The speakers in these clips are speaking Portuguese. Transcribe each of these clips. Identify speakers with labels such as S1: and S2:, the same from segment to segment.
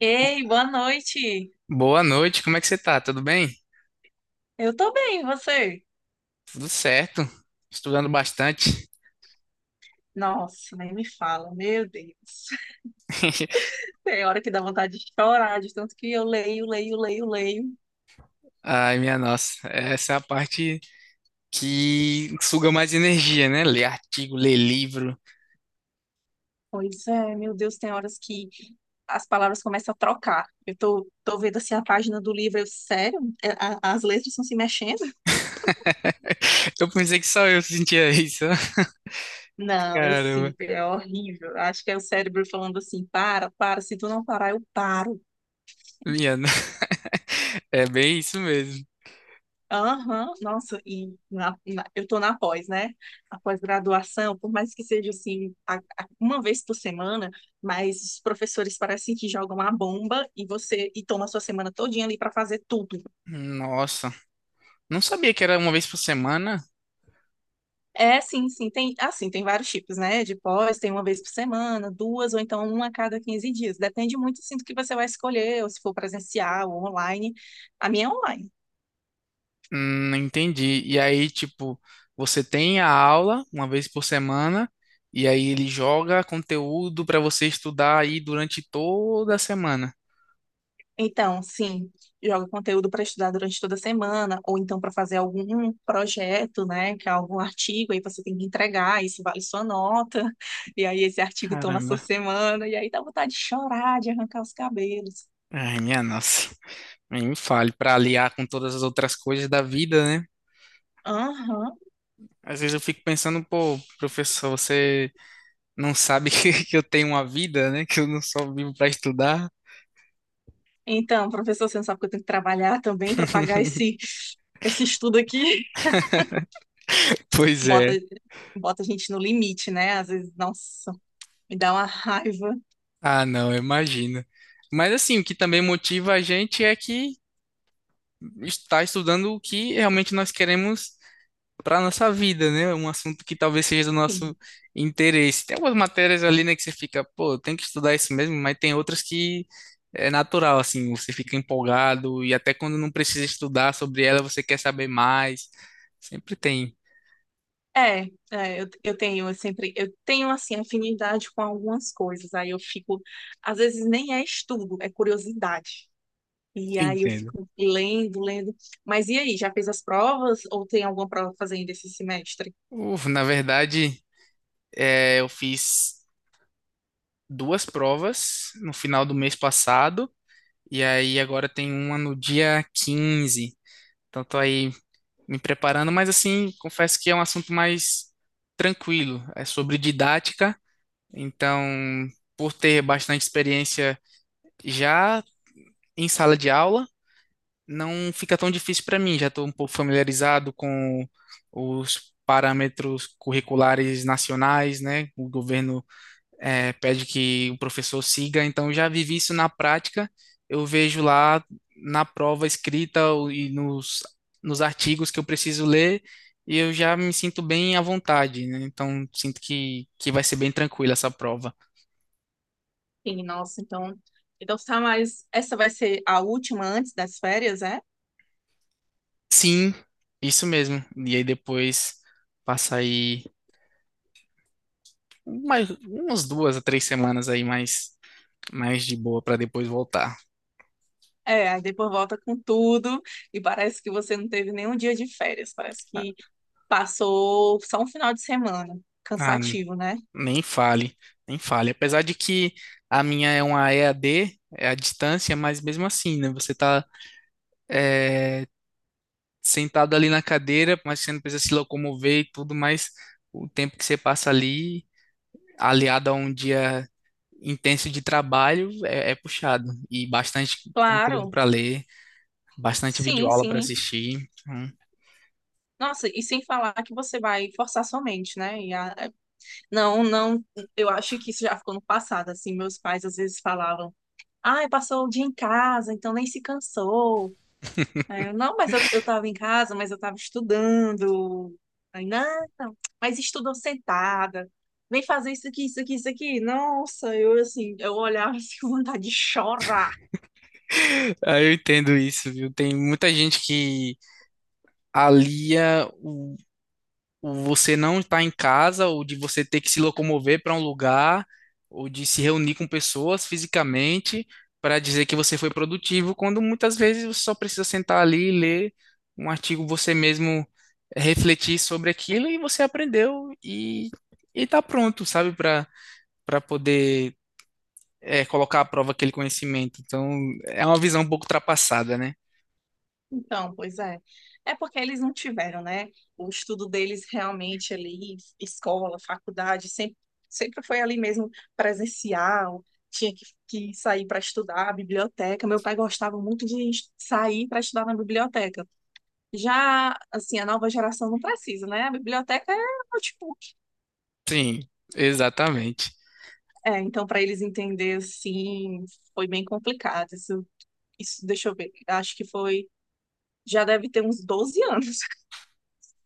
S1: Ei, boa noite.
S2: Boa noite, como é que você tá? Tudo bem?
S1: Eu tô bem, e você?
S2: Tudo certo. Estudando bastante.
S1: Nossa, nem me fala, meu Deus. Tem hora que dá vontade de chorar, de tanto que eu leio, leio, leio, leio.
S2: Ai, minha nossa, essa é a parte que suga mais energia, né? Ler artigo, ler livro.
S1: Pois é, meu Deus, tem horas que as palavras começam a trocar. Eu tô vendo assim a página do livro, eu, sério? É, as letras estão se mexendo?
S2: Eu pensei que só eu sentia isso.
S1: Não, eu
S2: Caramba,
S1: sinto, é horrível. Acho que é o cérebro falando assim, para, para, se tu não parar, eu paro.
S2: minha no- É bem isso mesmo.
S1: Aham, nossa, e eu tô na pós, né? A pós-graduação, por mais que seja assim, uma vez por semana, mas os professores parecem que jogam a bomba e você e toma a sua semana todinha ali para fazer tudo.
S2: Nossa, não sabia que era uma vez por semana.
S1: É, sim, sim, tem, assim, tem vários tipos, né? De pós, tem uma vez por semana, duas, ou então uma a cada 15 dias. Depende muito, assim, do que você vai escolher, ou se for presencial ou online. A minha é online.
S2: Entendi. E aí, tipo, você tem a aula uma vez por semana, e aí ele joga conteúdo para você estudar aí durante toda a semana.
S1: Então, sim, joga conteúdo para estudar durante toda a semana, ou então para fazer algum projeto, né, que é algum artigo, aí você tem que entregar, isso vale sua nota, e aí esse artigo toma sua
S2: Caramba.
S1: semana, e aí dá vontade de chorar, de arrancar os cabelos.
S2: Ai, minha nossa. Nem me fale, para aliar com todas as outras coisas da vida, né?
S1: Aham.
S2: Às vezes eu fico pensando, pô, professor, você não sabe que eu tenho uma vida, né? Que eu não só vivo para estudar?
S1: Então, professor, você não sabe que eu tenho que trabalhar também para pagar esse estudo aqui?
S2: Pois
S1: Bota,
S2: é.
S1: bota a gente no limite, né? Às vezes, nossa, me dá uma raiva.
S2: Ah, não, eu imagino. Mas assim, o que também motiva a gente é que estar estudando o que realmente nós queremos para nossa vida, né? Um assunto que talvez seja do nosso interesse. Tem algumas matérias ali, né, que você fica, pô, tem que estudar isso mesmo, mas tem outras que é natural, assim, você fica empolgado e até quando não precisa estudar sobre ela, você quer saber mais. Sempre tem.
S1: É, é, eu tenho, eu tenho, assim, afinidade com algumas coisas, aí eu fico, às vezes nem é estudo, é curiosidade, e aí eu
S2: Entendo.
S1: fico lendo, lendo, mas e aí, já fez as provas, ou tem alguma prova pra fazer ainda esse semestre?
S2: Uf, na verdade, é, eu fiz duas provas no final do mês passado, e aí agora tem uma no dia 15. Então tô aí me preparando, mas assim, confesso que é um assunto mais tranquilo. É sobre didática, então, por ter bastante experiência já em sala de aula, não fica tão difícil para mim. Já estou um pouco familiarizado com os parâmetros curriculares nacionais, né? O governo é, pede que o professor siga, então eu já vivi isso na prática, eu vejo lá na prova escrita e nos artigos que eu preciso ler, e eu já me sinto bem à vontade, né? Então sinto que vai ser bem tranquila essa prova.
S1: Sim, nossa, então tá, mas essa vai ser a última antes das férias, é?
S2: Sim, isso mesmo. E aí depois passa aí mais, umas 2 a 3 semanas aí mais, mais de boa para depois voltar.
S1: É, aí depois volta com tudo, e parece que você não teve nenhum dia de férias, parece que passou só um final de semana,
S2: Ah,
S1: cansativo, né?
S2: nem fale, nem fale. Apesar de que a minha é uma EAD, é à distância, mas mesmo assim, né? Você tá eh, sentado ali na cadeira, mas você não precisa se locomover e tudo, mas o tempo que você passa ali, aliado a um dia intenso de trabalho, é, é puxado. E bastante conteúdo
S1: Claro,
S2: para ler, bastante
S1: sim,
S2: videoaula para
S1: sim.
S2: assistir. Hum.
S1: Nossa, e sem falar que você vai forçar sua mente, né? E é. Não, não, eu acho que isso já ficou no passado, assim, meus pais às vezes falavam, ai, passou o dia em casa, então nem se cansou. É, não, mas eu tava em casa, mas eu tava estudando. Aí, não, não, mas estudou sentada. Vem fazer isso aqui, isso aqui, isso aqui. Nossa, eu assim, eu olhava assim com vontade de chorar.
S2: Ah, eu entendo isso, viu? Tem muita gente que alia o você não estar em casa, ou de você ter que se locomover para um lugar, ou de se reunir com pessoas fisicamente para dizer que você foi produtivo, quando muitas vezes você só precisa sentar ali e ler um artigo, você mesmo refletir sobre aquilo e você aprendeu e tá pronto, sabe, para poder é, colocar à prova aquele conhecimento. Então, é uma visão um pouco ultrapassada, né?
S1: Então, pois é. É porque eles não tiveram, né? O estudo deles realmente ali, escola, faculdade, sempre foi ali mesmo presencial, tinha que sair para estudar, biblioteca. Meu pai gostava muito de sair para estudar na biblioteca. Já, assim, a nova geração não precisa, né? A biblioteca é o notebook.
S2: Sim, exatamente.
S1: É, então, para eles entender, assim, foi bem complicado. Isso, isso, deixa eu ver, acho que foi, já deve ter uns 12 anos,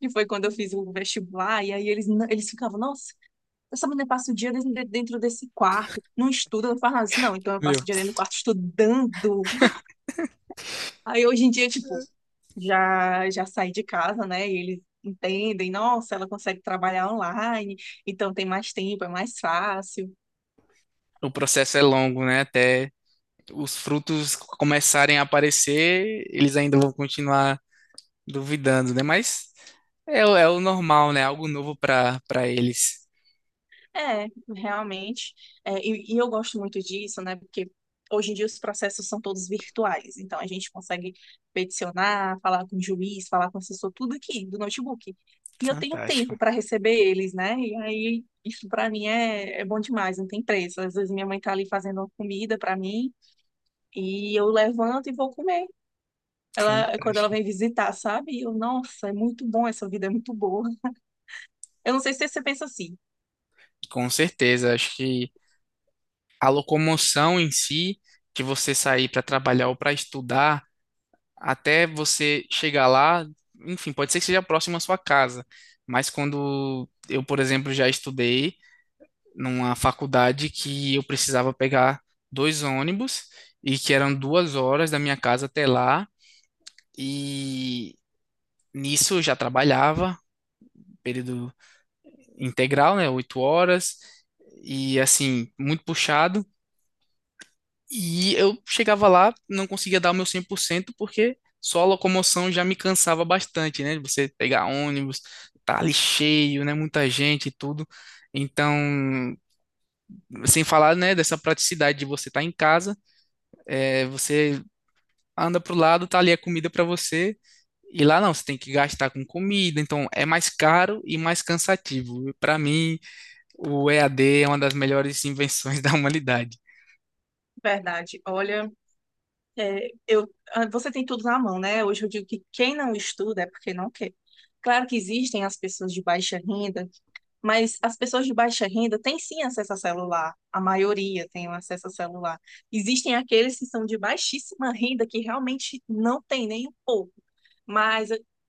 S1: que foi quando eu fiz o vestibular, e aí eles ficavam, nossa, essa menina passa o dia dentro desse quarto, não estuda, não faz nada. Assim, não, então eu
S2: Meu,
S1: passo o dia dentro do quarto estudando. Aí hoje em dia, tipo, já saí de casa, né? E eles entendem, nossa, ela consegue trabalhar online, então tem mais tempo, é mais fácil.
S2: o processo é longo, né? Até os frutos começarem a aparecer, eles ainda vão continuar duvidando, né? Mas é, é o normal, né? Algo novo para eles.
S1: É, realmente. É, e eu gosto muito disso, né? Porque hoje em dia os processos são todos virtuais. Então a gente consegue peticionar, falar com o juiz, falar com o assessor, tudo aqui do notebook. E eu tenho
S2: Fantástico,
S1: tempo para receber eles, né? E aí isso para mim é bom demais, não tem preço. Às vezes minha mãe tá ali fazendo uma comida para mim e eu levanto e vou comer. Ela, é quando ela
S2: fantástico.
S1: vem visitar, sabe? Eu, nossa, é muito bom, essa vida é muito boa. Eu não sei se você pensa assim,
S2: Com certeza, acho que a locomoção em si, de você sair para trabalhar ou para estudar, até você chegar lá, enfim, pode ser que seja próximo à sua casa, mas quando eu, por exemplo, já estudei numa faculdade que eu precisava pegar 2 ônibus e que eram 2 horas da minha casa até lá. E nisso eu já trabalhava, período integral, né? 8 horas, e assim, muito puxado. E eu chegava lá, não conseguia dar o meu 100% porque só a locomoção já me cansava bastante, né? Você pegar ônibus, tá ali cheio, né? Muita gente e tudo. Então, sem falar, né, dessa praticidade de você estar em casa. É, você anda pro lado, tá ali a comida para você. E lá não, você tem que gastar com comida, então é mais caro e mais cansativo. Para mim, o EAD é uma das melhores invenções da humanidade.
S1: verdade. Olha. É, eu, ah, você tem tudo na mão, né? Hoje eu digo que quem não estuda é porque não quer. Claro que existem as pessoas de baixa renda, mas as pessoas de baixa renda têm sim acesso a celular. A maioria tem um acesso a celular. Existem aqueles que são de baixíssima renda que realmente não tem nem um pouco. Mas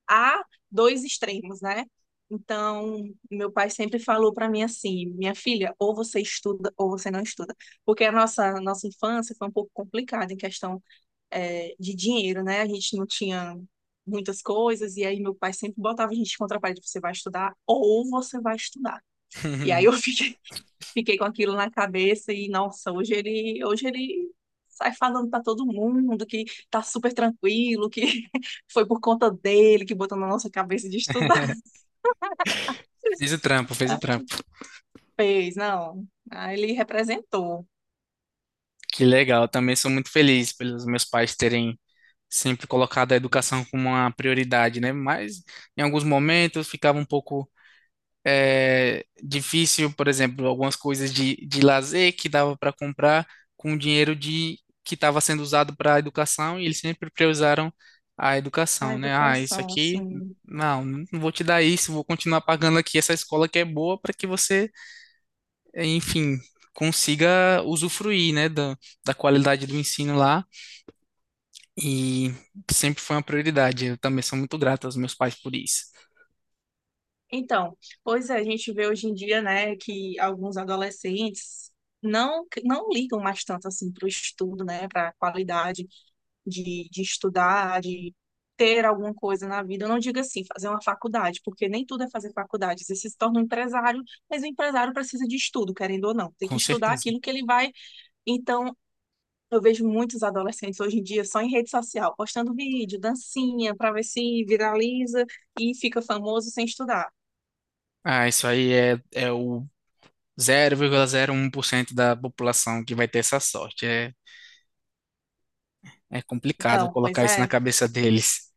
S1: há dois extremos, né? Então, meu pai sempre falou para mim assim, minha filha, ou você estuda ou você não estuda, porque a nossa infância foi um pouco complicada em questão de dinheiro, né? A gente não tinha muitas coisas, e aí meu pai sempre botava a gente contra a parede, você vai estudar ou você vai estudar. E aí eu fiquei com aquilo na cabeça e, nossa, hoje ele sai falando para todo mundo que tá super tranquilo, que foi por conta dele que botou na nossa cabeça de estudar.
S2: Fez o trampo, fez o
S1: Ah,
S2: trampo.
S1: fez, não. Ah, ele representou
S2: Que legal, eu também sou muito feliz pelos meus pais terem sempre colocado a educação como uma prioridade, né? Mas em alguns momentos ficava um pouco é, difícil, por exemplo, algumas coisas de, lazer que dava para comprar com o dinheiro de que estava sendo usado para a educação e eles sempre priorizaram a
S1: a
S2: educação, né? Ah, isso
S1: educação,
S2: aqui,
S1: assim.
S2: não, não vou te dar isso, vou continuar pagando aqui essa escola que é boa para que você, enfim, consiga usufruir, né, da qualidade do ensino lá e sempre foi uma prioridade. Eu também sou muito grato aos meus pais por isso,
S1: Então, pois é, a gente vê hoje em dia, né, que alguns adolescentes não ligam mais tanto assim para o estudo, né, para a qualidade de estudar, de ter alguma coisa na vida. Eu não digo assim, fazer uma faculdade, porque nem tudo é fazer faculdade. Você se torna um empresário, mas o empresário precisa de estudo, querendo ou não. Tem que
S2: com
S1: estudar
S2: certeza.
S1: aquilo que ele vai. Então, eu vejo muitos adolescentes hoje em dia só em rede social, postando vídeo, dancinha, para ver se viraliza e fica famoso sem estudar.
S2: Ah, isso aí é o 0,01% da população que vai ter essa sorte. É complicado
S1: Então,
S2: colocar isso na cabeça deles.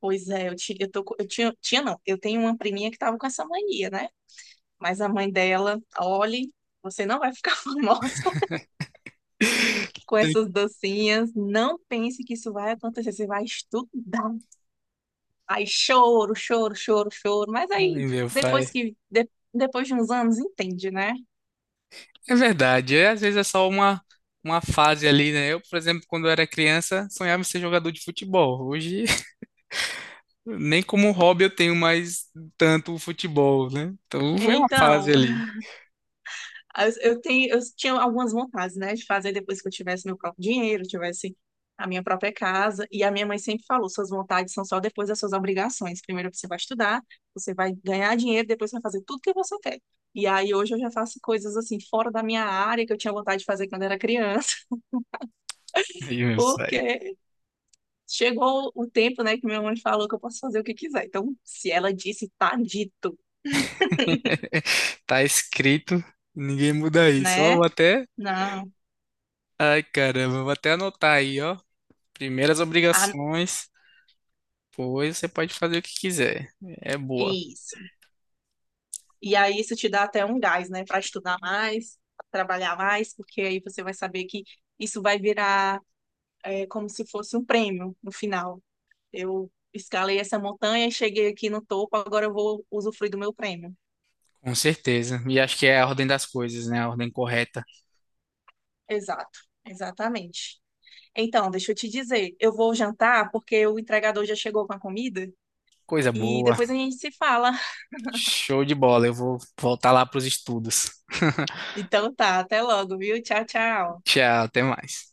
S1: pois é, eu, ti, eu, tô, co- eu não, eu tenho uma priminha que tava com essa mania, né? Mas a mãe dela, olhe, você não vai ficar famosa com
S2: Tem-
S1: essas dancinhas, não pense que isso vai acontecer, você vai estudar. Aí choro, choro, choro, choro, mas aí
S2: Ai, meu
S1: depois
S2: pai.
S1: depois de uns anos, entende, né?
S2: É verdade. É, às vezes é só uma fase ali, né? Eu, por exemplo, quando eu era criança, sonhava em ser jogador de futebol. Hoje, nem como hobby eu tenho mais tanto o futebol, né? Então, foi uma fase
S1: Então,
S2: ali.
S1: Eu tinha algumas vontades, né, de fazer depois que eu tivesse meu próprio dinheiro, tivesse a minha própria casa. E a minha mãe sempre falou: suas vontades são só depois das suas obrigações. Primeiro você vai estudar, você vai ganhar dinheiro, depois você vai fazer tudo que você quer. E aí hoje eu já faço coisas assim fora da minha área que eu tinha vontade de fazer quando era criança,
S2: Aí, meu pai.
S1: porque chegou o tempo, né, que minha mãe falou que eu posso fazer o que quiser. Então, se ela disse, tá dito,
S2: Tá escrito, ninguém muda isso. Ó,
S1: né?
S2: vou até.
S1: Não.
S2: Ai, caramba, vou até anotar aí, ó. Primeiras
S1: Ah,
S2: obrigações, depois você pode fazer o que quiser. É boa,
S1: isso. E aí isso te dá até um gás, né, para estudar mais, pra trabalhar mais, porque aí você vai saber que isso vai virar como se fosse um prêmio no final. Eu escalei essa montanha, cheguei aqui no topo, agora eu vou usufruir do meu prêmio.
S2: com certeza. E acho que é a ordem das coisas, né? A ordem correta.
S1: Exato, exatamente. Então, deixa eu te dizer, eu vou jantar porque o entregador já chegou com a comida
S2: Coisa
S1: e
S2: boa.
S1: depois a gente se fala.
S2: Show de bola. Eu vou voltar lá para os estudos.
S1: Então tá, até logo, viu? Tchau, tchau.
S2: Tchau, até mais.